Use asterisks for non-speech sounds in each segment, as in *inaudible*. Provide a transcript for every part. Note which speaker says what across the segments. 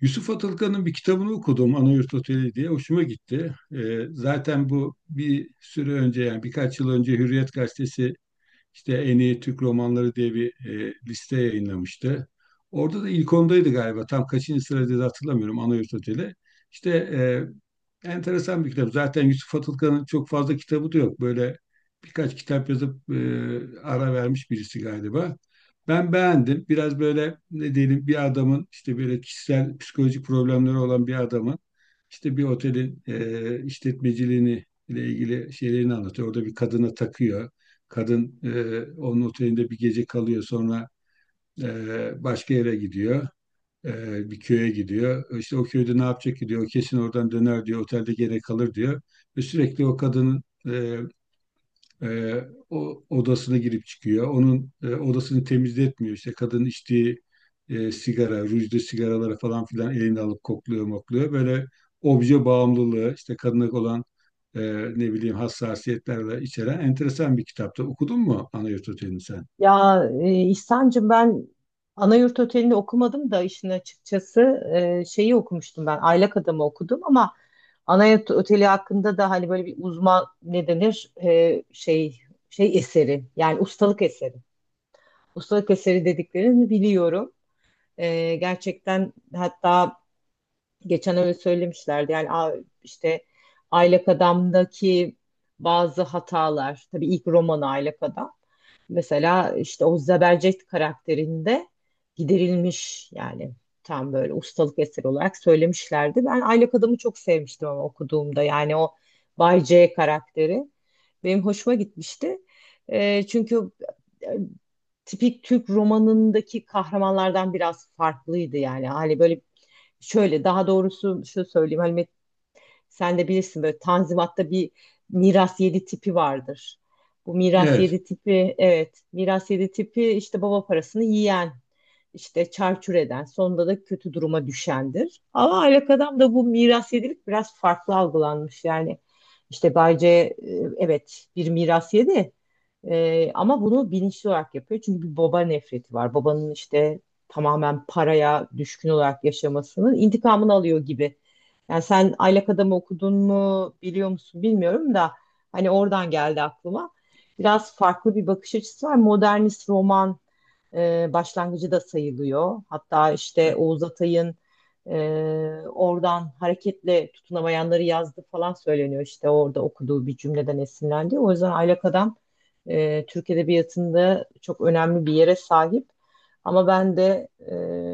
Speaker 1: Yusuf Atılgan'ın bir kitabını okudum Anayurt Oteli diye hoşuma gitti. Zaten bu bir süre önce yani birkaç yıl önce Hürriyet Gazetesi işte en iyi Türk romanları diye bir liste yayınlamıştı. Orada da ilk ondaydı galiba. Tam kaçıncı sırada hatırlamıyorum Anayurt Oteli. İşte enteresan bir kitap. Zaten Yusuf Atılgan'ın çok fazla kitabı da yok. Böyle birkaç kitap yazıp ara vermiş birisi galiba. Ben beğendim. Biraz böyle ne diyelim bir adamın işte böyle kişisel psikolojik problemleri olan bir adamın işte bir otelin işletmeciliğini ile ilgili şeylerini anlatıyor. Orada bir kadına takıyor. Kadın onun otelinde bir gece kalıyor sonra başka yere gidiyor. Bir köye gidiyor. İşte o köyde ne yapacak ki diyor. O kesin oradan döner diyor. Otelde gene kalır diyor. Ve sürekli o kadının e, o odasına girip çıkıyor. Onun odasını temizletmiyor. İşte kadın içtiği sigara, rujlu sigaraları falan filan elinde alıp kokluyor, mokluyor. Böyle obje bağımlılığı, işte kadına olan e, ne bileyim hassasiyetlerle içeren enteresan bir kitaptı. Okudun mu Ana Yurt Oteli'ni sen?
Speaker 2: Ya İhsan'cığım ben Anayurt Oteli'ni okumadım da işin açıkçası şeyi okumuştum ben Aylak Adam'ı okudum ama Anayurt Oteli hakkında da hani böyle bir uzman ne denir şey eseri yani ustalık eseri. Ustalık eseri dediklerini biliyorum. Gerçekten hatta geçen öyle söylemişlerdi yani işte Aylak Adam'daki bazı hatalar tabii ilk romanı Aylak Adam. Mesela işte o Zebercet karakterinde giderilmiş yani tam böyle ustalık eseri olarak söylemişlerdi. Ben Aylak Adam'ı çok sevmiştim ama okuduğumda yani o Bay C karakteri benim hoşuma gitmişti. Çünkü e, tipik Türk romanındaki kahramanlardan biraz farklıydı yani. Hani böyle şöyle daha doğrusu şu söyleyeyim hani sen de bilirsin böyle Tanzimat'ta bir miras yedi tipi vardır. Bu miras
Speaker 1: Evet.
Speaker 2: yedi tipi, evet, miras yedi tipi, işte baba parasını yiyen işte çarçur eden sonunda da kötü duruma düşendir. Ama aylak da bu miras yedilik biraz farklı algılanmış yani. İşte Bay C, evet bir miras yedi. Ama bunu bilinçli olarak yapıyor. Çünkü bir baba nefreti var. Babanın işte tamamen paraya düşkün olarak yaşamasının intikamını alıyor gibi, yani sen Aylak Adam'ı okudun mu biliyor musun bilmiyorum da hani oradan geldi aklıma. Biraz farklı bir bakış açısı var. Modernist roman başlangıcı da sayılıyor. Hatta işte
Speaker 1: E-
Speaker 2: Oğuz Atay'ın e, oradan hareketle tutunamayanları yazdı falan söyleniyor. İşte orada okuduğu bir cümleden esinlendi. O yüzden Aylak Adam Türk Edebiyatı'nda çok önemli bir yere sahip. Ama ben de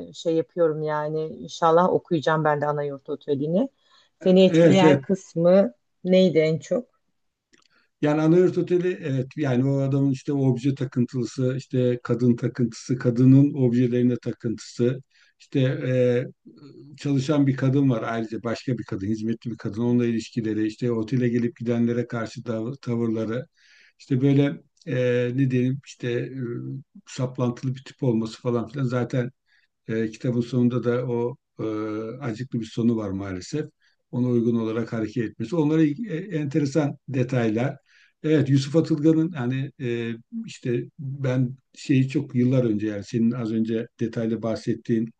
Speaker 2: şey yapıyorum yani inşallah okuyacağım ben de Anayurt Oteli'ni. Seni
Speaker 1: Evet,
Speaker 2: etkileyen
Speaker 1: evet.
Speaker 2: kısmı neydi en çok?
Speaker 1: Yani Anahırt Oteli evet yani o adamın işte obje takıntılısı, işte kadın takıntısı, kadının objelerine takıntısı, işte çalışan bir kadın var ayrıca başka bir kadın, hizmetli bir kadın, onunla ilişkileri, işte otele gelip gidenlere karşı tavırları, işte böyle ne diyelim işte saplantılı bir tip olması falan filan zaten kitabın sonunda da o acıklı bir sonu var maalesef. Ona uygun olarak hareket etmesi. Onlara enteresan detaylar. Evet Yusuf Atılgan'ın hani işte ben şeyi çok yıllar önce yani senin az önce detaylı bahsettiğin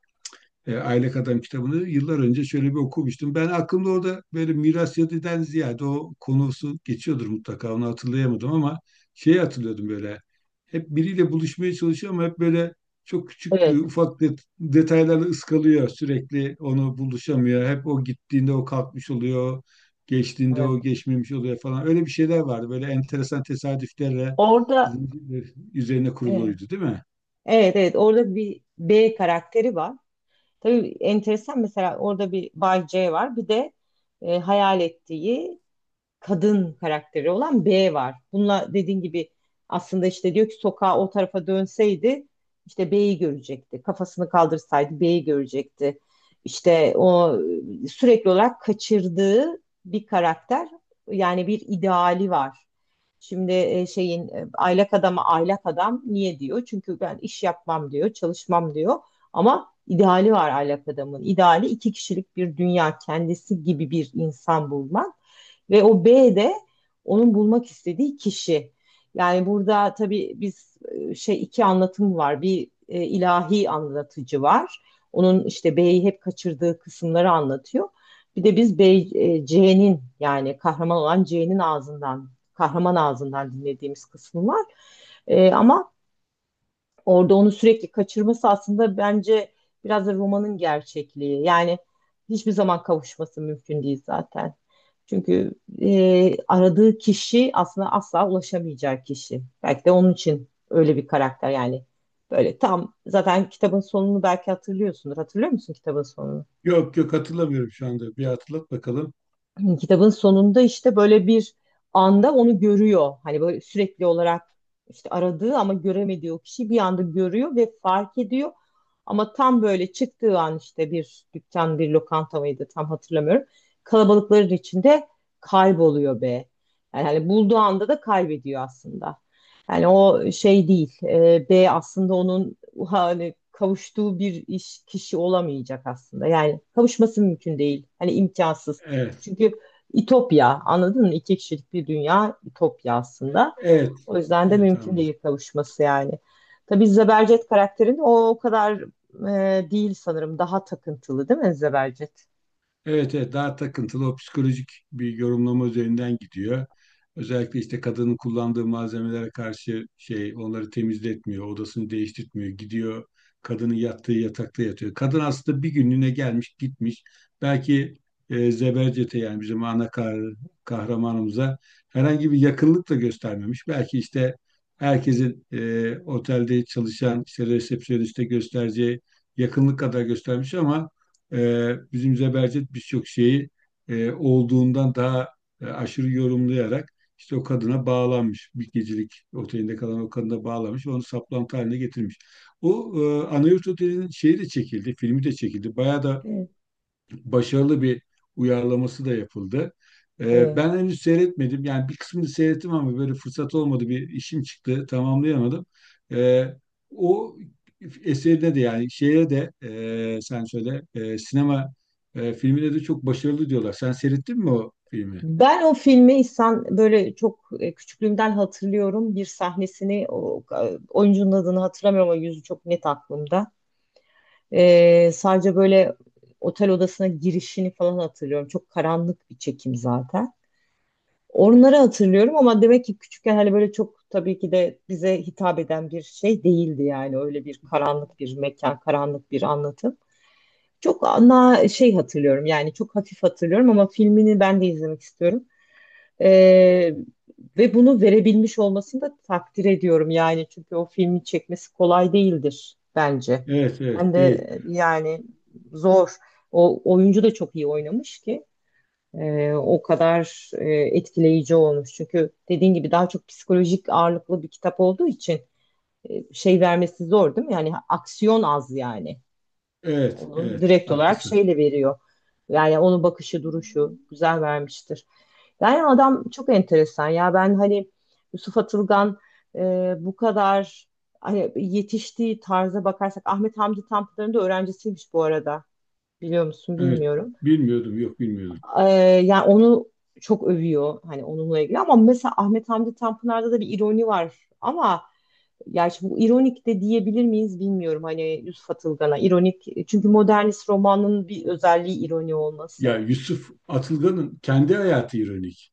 Speaker 1: Aylak Adam kitabını yıllar önce şöyle bir okumuştum. Ben aklımda orada böyle miras yadiden ziyade o konusu geçiyordur mutlaka onu hatırlayamadım ama şeyi hatırlıyordum böyle. Hep biriyle buluşmaya çalışıyor ama hep böyle çok küçük
Speaker 2: Evet,
Speaker 1: ufak detaylarla ıskalıyor sürekli onu buluşamıyor. Hep o gittiğinde o kalkmış oluyor. Geçtiğinde
Speaker 2: evet.
Speaker 1: o geçmemiş oluyor falan. Öyle bir şeyler vardı. Böyle enteresan tesadüflerle
Speaker 2: Orada,
Speaker 1: zincirler üzerine
Speaker 2: evet,
Speaker 1: kuruluydu değil mi?
Speaker 2: evet, evet, orada bir B karakteri var. Tabii enteresan mesela orada bir Bay C var. Bir de hayal ettiği kadın karakteri olan B var. Bununla dediğin gibi aslında işte diyor ki sokağa o tarafa dönseydi işte B'yi görecekti. Kafasını kaldırsaydı B'yi görecekti. İşte o sürekli olarak kaçırdığı bir karakter, yani bir ideali var. Şimdi şeyin aylak adama aylak adam niye diyor? Çünkü ben iş yapmam diyor, çalışmam diyor. Ama ideali var aylak adamın. İdeali iki kişilik bir dünya, kendisi gibi bir insan bulmak. Ve o B de onun bulmak istediği kişi. Yani burada tabii biz iki anlatım var. Bir ilahi anlatıcı var. Onun işte B'yi hep kaçırdığı kısımları anlatıyor. Bir de biz C'nin yani kahraman olan C'nin ağzından, kahraman ağzından dinlediğimiz kısmı var. Ama orada onu sürekli kaçırması aslında bence biraz da romanın gerçekliği. Yani hiçbir zaman kavuşması mümkün değil zaten. Çünkü aradığı kişi aslında asla ulaşamayacağı kişi. Belki de onun için öyle bir karakter yani. Böyle tam zaten kitabın sonunu belki hatırlıyorsundur. Hatırlıyor musun kitabın sonunu?
Speaker 1: Yok yok hatırlamıyorum şu anda. Bir hatırlat bakalım.
Speaker 2: *clears throat* Kitabın sonunda işte böyle bir anda onu görüyor. Hani böyle sürekli olarak işte aradığı ama göremediği o kişi bir anda görüyor ve fark ediyor. Ama tam böyle çıktığı an işte bir dükkan, bir lokanta mıydı tam hatırlamıyorum. Kalabalıkların içinde kayboluyor be. Yani hani bulduğu anda da kaybediyor aslında. Yani o şey değil. B aslında onun hani kavuştuğu bir iş kişi olamayacak aslında. Yani kavuşması mümkün değil. Hani imkansız.
Speaker 1: Evet.
Speaker 2: Çünkü İtopya anladın mı? İki kişilik bir dünya İtopya aslında.
Speaker 1: Evet,
Speaker 2: O yüzden de
Speaker 1: evet
Speaker 2: mümkün
Speaker 1: anladım.
Speaker 2: değil kavuşması yani. Tabii Zebercet karakterin o kadar değil sanırım. Daha takıntılı değil mi Zebercet?
Speaker 1: Evet, evet daha takıntılı o psikolojik bir yorumlama üzerinden gidiyor. Özellikle işte kadının kullandığı malzemelere karşı şey onları temizletmiyor, odasını değiştirtmiyor, gidiyor kadının yattığı yatakta yatıyor. Kadın aslında bir günlüğüne gelmiş gitmiş. Belki Zebercet'e yani bizim kahramanımıza herhangi bir yakınlık da göstermemiş. Belki işte herkesin otelde çalışan işte resepsiyoniste göstereceği yakınlık kadar göstermiş ama bizim Zebercet birçok şeyi olduğundan daha aşırı yorumlayarak işte o kadına bağlanmış. Bir gecelik otelinde kalan o kadına bağlanmış ve onu saplantı haline getirmiş. O Anayurt Oteli'nin şeyi de çekildi, filmi de çekildi. Bayağı da
Speaker 2: Evet.
Speaker 1: başarılı bir uyarlaması da yapıldı.
Speaker 2: Evet.
Speaker 1: Ben henüz seyretmedim. Yani bir kısmını seyrettim ama böyle fırsat olmadı. Bir işim çıktı. Tamamlayamadım. Ee, O eserine de yani şeye de sen söyle sinema filmine de çok başarılı diyorlar. Sen seyrettin mi o filmi?
Speaker 2: Ben o filmi İhsan böyle çok küçüklüğümden hatırlıyorum. Bir sahnesini oyuncunun adını hatırlamıyorum ama yüzü çok net aklımda. Sadece böyle otel odasına girişini falan hatırlıyorum. Çok karanlık bir çekim zaten. Onları hatırlıyorum ama demek ki küçükken hani böyle çok tabii ki de bize hitap eden bir şey değildi yani öyle bir karanlık bir mekan, karanlık bir anlatım. Çok ana şey hatırlıyorum yani çok hafif hatırlıyorum ama filmini ben de izlemek istiyorum. Ee, Ve bunu verebilmiş olmasını da takdir ediyorum yani çünkü o filmi çekmesi kolay değildir bence.
Speaker 1: Evet
Speaker 2: Ben
Speaker 1: evet
Speaker 2: de
Speaker 1: değil.
Speaker 2: yani zor. O oyuncu da çok iyi oynamış ki o kadar etkileyici olmuş. Çünkü dediğin gibi daha çok psikolojik ağırlıklı bir kitap olduğu için şey vermesi zor değil mi? Yani aksiyon az yani.
Speaker 1: Evet
Speaker 2: Onu
Speaker 1: evet
Speaker 2: direkt olarak
Speaker 1: haklısın.
Speaker 2: şeyle veriyor. Yani onun bakışı, duruşu güzel vermiştir. Yani adam çok enteresan ya. Ben hani Yusuf Atılgan e, bu kadar hani yetiştiği tarza bakarsak Ahmet Hamdi Tanpınar'ın da öğrencisiymiş bu arada. Biliyor musun
Speaker 1: Evet
Speaker 2: bilmiyorum.
Speaker 1: bilmiyordum yok bilmiyordum.
Speaker 2: Ee, Yani onu çok övüyor hani onunla ilgili ama mesela Ahmet Hamdi Tanpınar'da da bir ironi var ama yani şimdi bu ironik de diyebilir miyiz bilmiyorum hani Yusuf Atılgan'a ironik çünkü modernist romanın bir özelliği ironi olması.
Speaker 1: Ya Yusuf Atılgan'ın kendi hayatı ironik.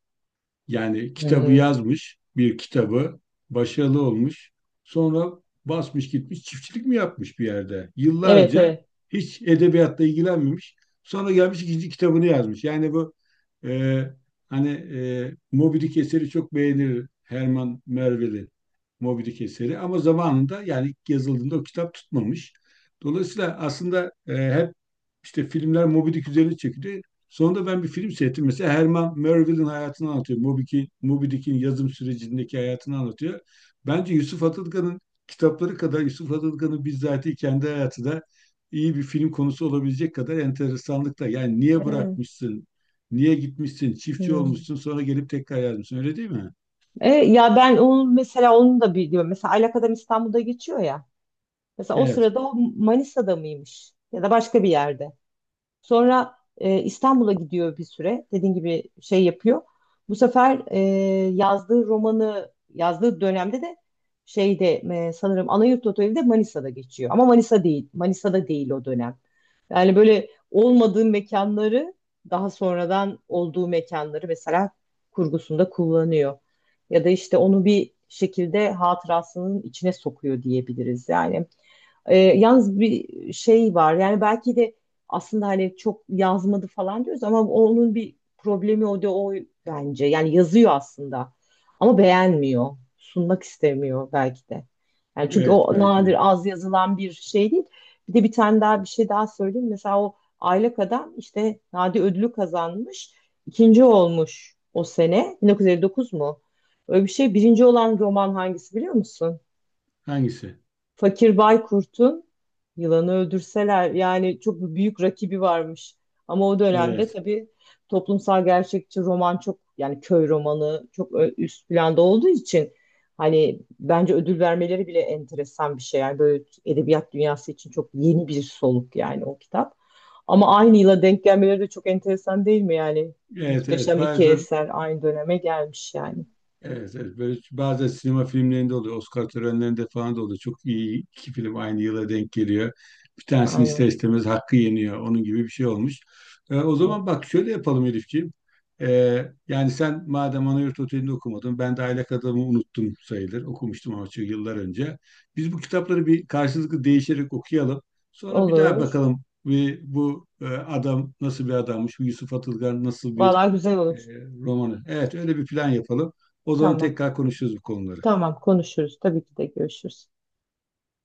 Speaker 1: Yani kitabı
Speaker 2: Hmm.
Speaker 1: yazmış, bir kitabı başarılı olmuş. Sonra basmış gitmiş çiftçilik mi yapmış bir yerde?
Speaker 2: Evet,
Speaker 1: Yıllarca
Speaker 2: evet.
Speaker 1: hiç edebiyatla ilgilenmemiş. Sonra gelmiş ikinci kitabını yazmış. Yani bu e, hani Moby Dick eseri çok beğenir Herman Melville'in Moby Dick eseri ama zamanında yani ilk yazıldığında o kitap tutmamış. Dolayısıyla aslında hep işte filmler Moby Dick üzerine çekildi. Sonunda ben bir film seyrettim. Mesela Herman Melville'in hayatını anlatıyor. Moby Dick'in yazım sürecindeki hayatını anlatıyor. Bence Yusuf Atılgan'ın kitapları kadar Yusuf Atılgan'ın bizzatihi kendi hayatı da iyi bir film konusu olabilecek kadar enteresanlıkta. Yani niye
Speaker 2: Ee,
Speaker 1: bırakmışsın? Niye gitmişsin? Çiftçi
Speaker 2: hmm.
Speaker 1: olmuşsun sonra gelip tekrar yazmışsın. Öyle değil mi?
Speaker 2: Ya ben onun mesela onun da biliyorum mesela Alaka'dan İstanbul'da geçiyor ya mesela o
Speaker 1: Evet.
Speaker 2: sırada o Manisa'da mıymış ya da başka bir yerde. Sonra İstanbul'a gidiyor bir süre. Dediğin gibi şey yapıyor. Bu sefer yazdığı romanı yazdığı dönemde de şeyde sanırım Anayurt Oteli de Manisa'da geçiyor. Ama Manisa değil. Manisa'da değil o dönem. Yani böyle olmadığı mekanları daha sonradan olduğu mekanları mesela kurgusunda kullanıyor. Ya da işte onu bir şekilde hatırasının içine sokuyor diyebiliriz. Yani yalnız bir şey var. Yani belki de aslında hani çok yazmadı falan diyoruz ama onun bir problemi o da o bence. Yani yazıyor aslında ama beğenmiyor. Sunmak istemiyor belki de. Yani çünkü
Speaker 1: Evet
Speaker 2: o
Speaker 1: belki de.
Speaker 2: nadir az yazılan bir şey değil. Bir de bir tane daha bir şey daha söyleyeyim. Mesela o Aylak Adam işte Nadi ödülü kazanmış. İkinci olmuş o sene. 1959 mu? Öyle bir şey. Birinci olan roman hangisi biliyor musun?
Speaker 1: Hangisi?
Speaker 2: Fakir Baykurt'un Yılanı Öldürseler, yani çok büyük rakibi varmış. Ama o dönemde
Speaker 1: Evet.
Speaker 2: tabii toplumsal gerçekçi roman çok yani köy romanı çok üst planda olduğu için hani bence ödül vermeleri bile enteresan bir şey. Yani böyle edebiyat dünyası için çok yeni bir soluk yani o kitap. Ama aynı yıla denk gelmeleri de çok enteresan değil mi yani?
Speaker 1: Evet evet.
Speaker 2: Muhteşem iki
Speaker 1: Bazen
Speaker 2: eser aynı döneme gelmiş yani.
Speaker 1: evet, evet. Böyle bazen sinema filmlerinde oluyor. Oscar törenlerinde falan da oluyor. Çok iyi iki film aynı yıla denk geliyor. Bir tanesini ister
Speaker 2: Aynen.
Speaker 1: istemez hakkı yeniyor. Onun gibi bir şey olmuş. O
Speaker 2: Evet.
Speaker 1: zaman bak şöyle yapalım Elifciğim. Yani sen madem Anayurt Oteli'nde okumadın, ben de Aylak Adam'ı unuttum sayılır. Okumuştum ama çok yıllar önce. Biz bu kitapları bir karşılıklı değişerek okuyalım. Sonra bir daha
Speaker 2: Olur.
Speaker 1: bakalım ve bu adam nasıl bir adammış, bu Yusuf Atılgan nasıl bir
Speaker 2: Vallahi güzel
Speaker 1: e,
Speaker 2: olur.
Speaker 1: romanı. Evet, öyle bir plan yapalım. O zaman
Speaker 2: Tamam.
Speaker 1: tekrar konuşuruz bu konuları.
Speaker 2: Tamam konuşuruz. Tabii ki de görüşürüz.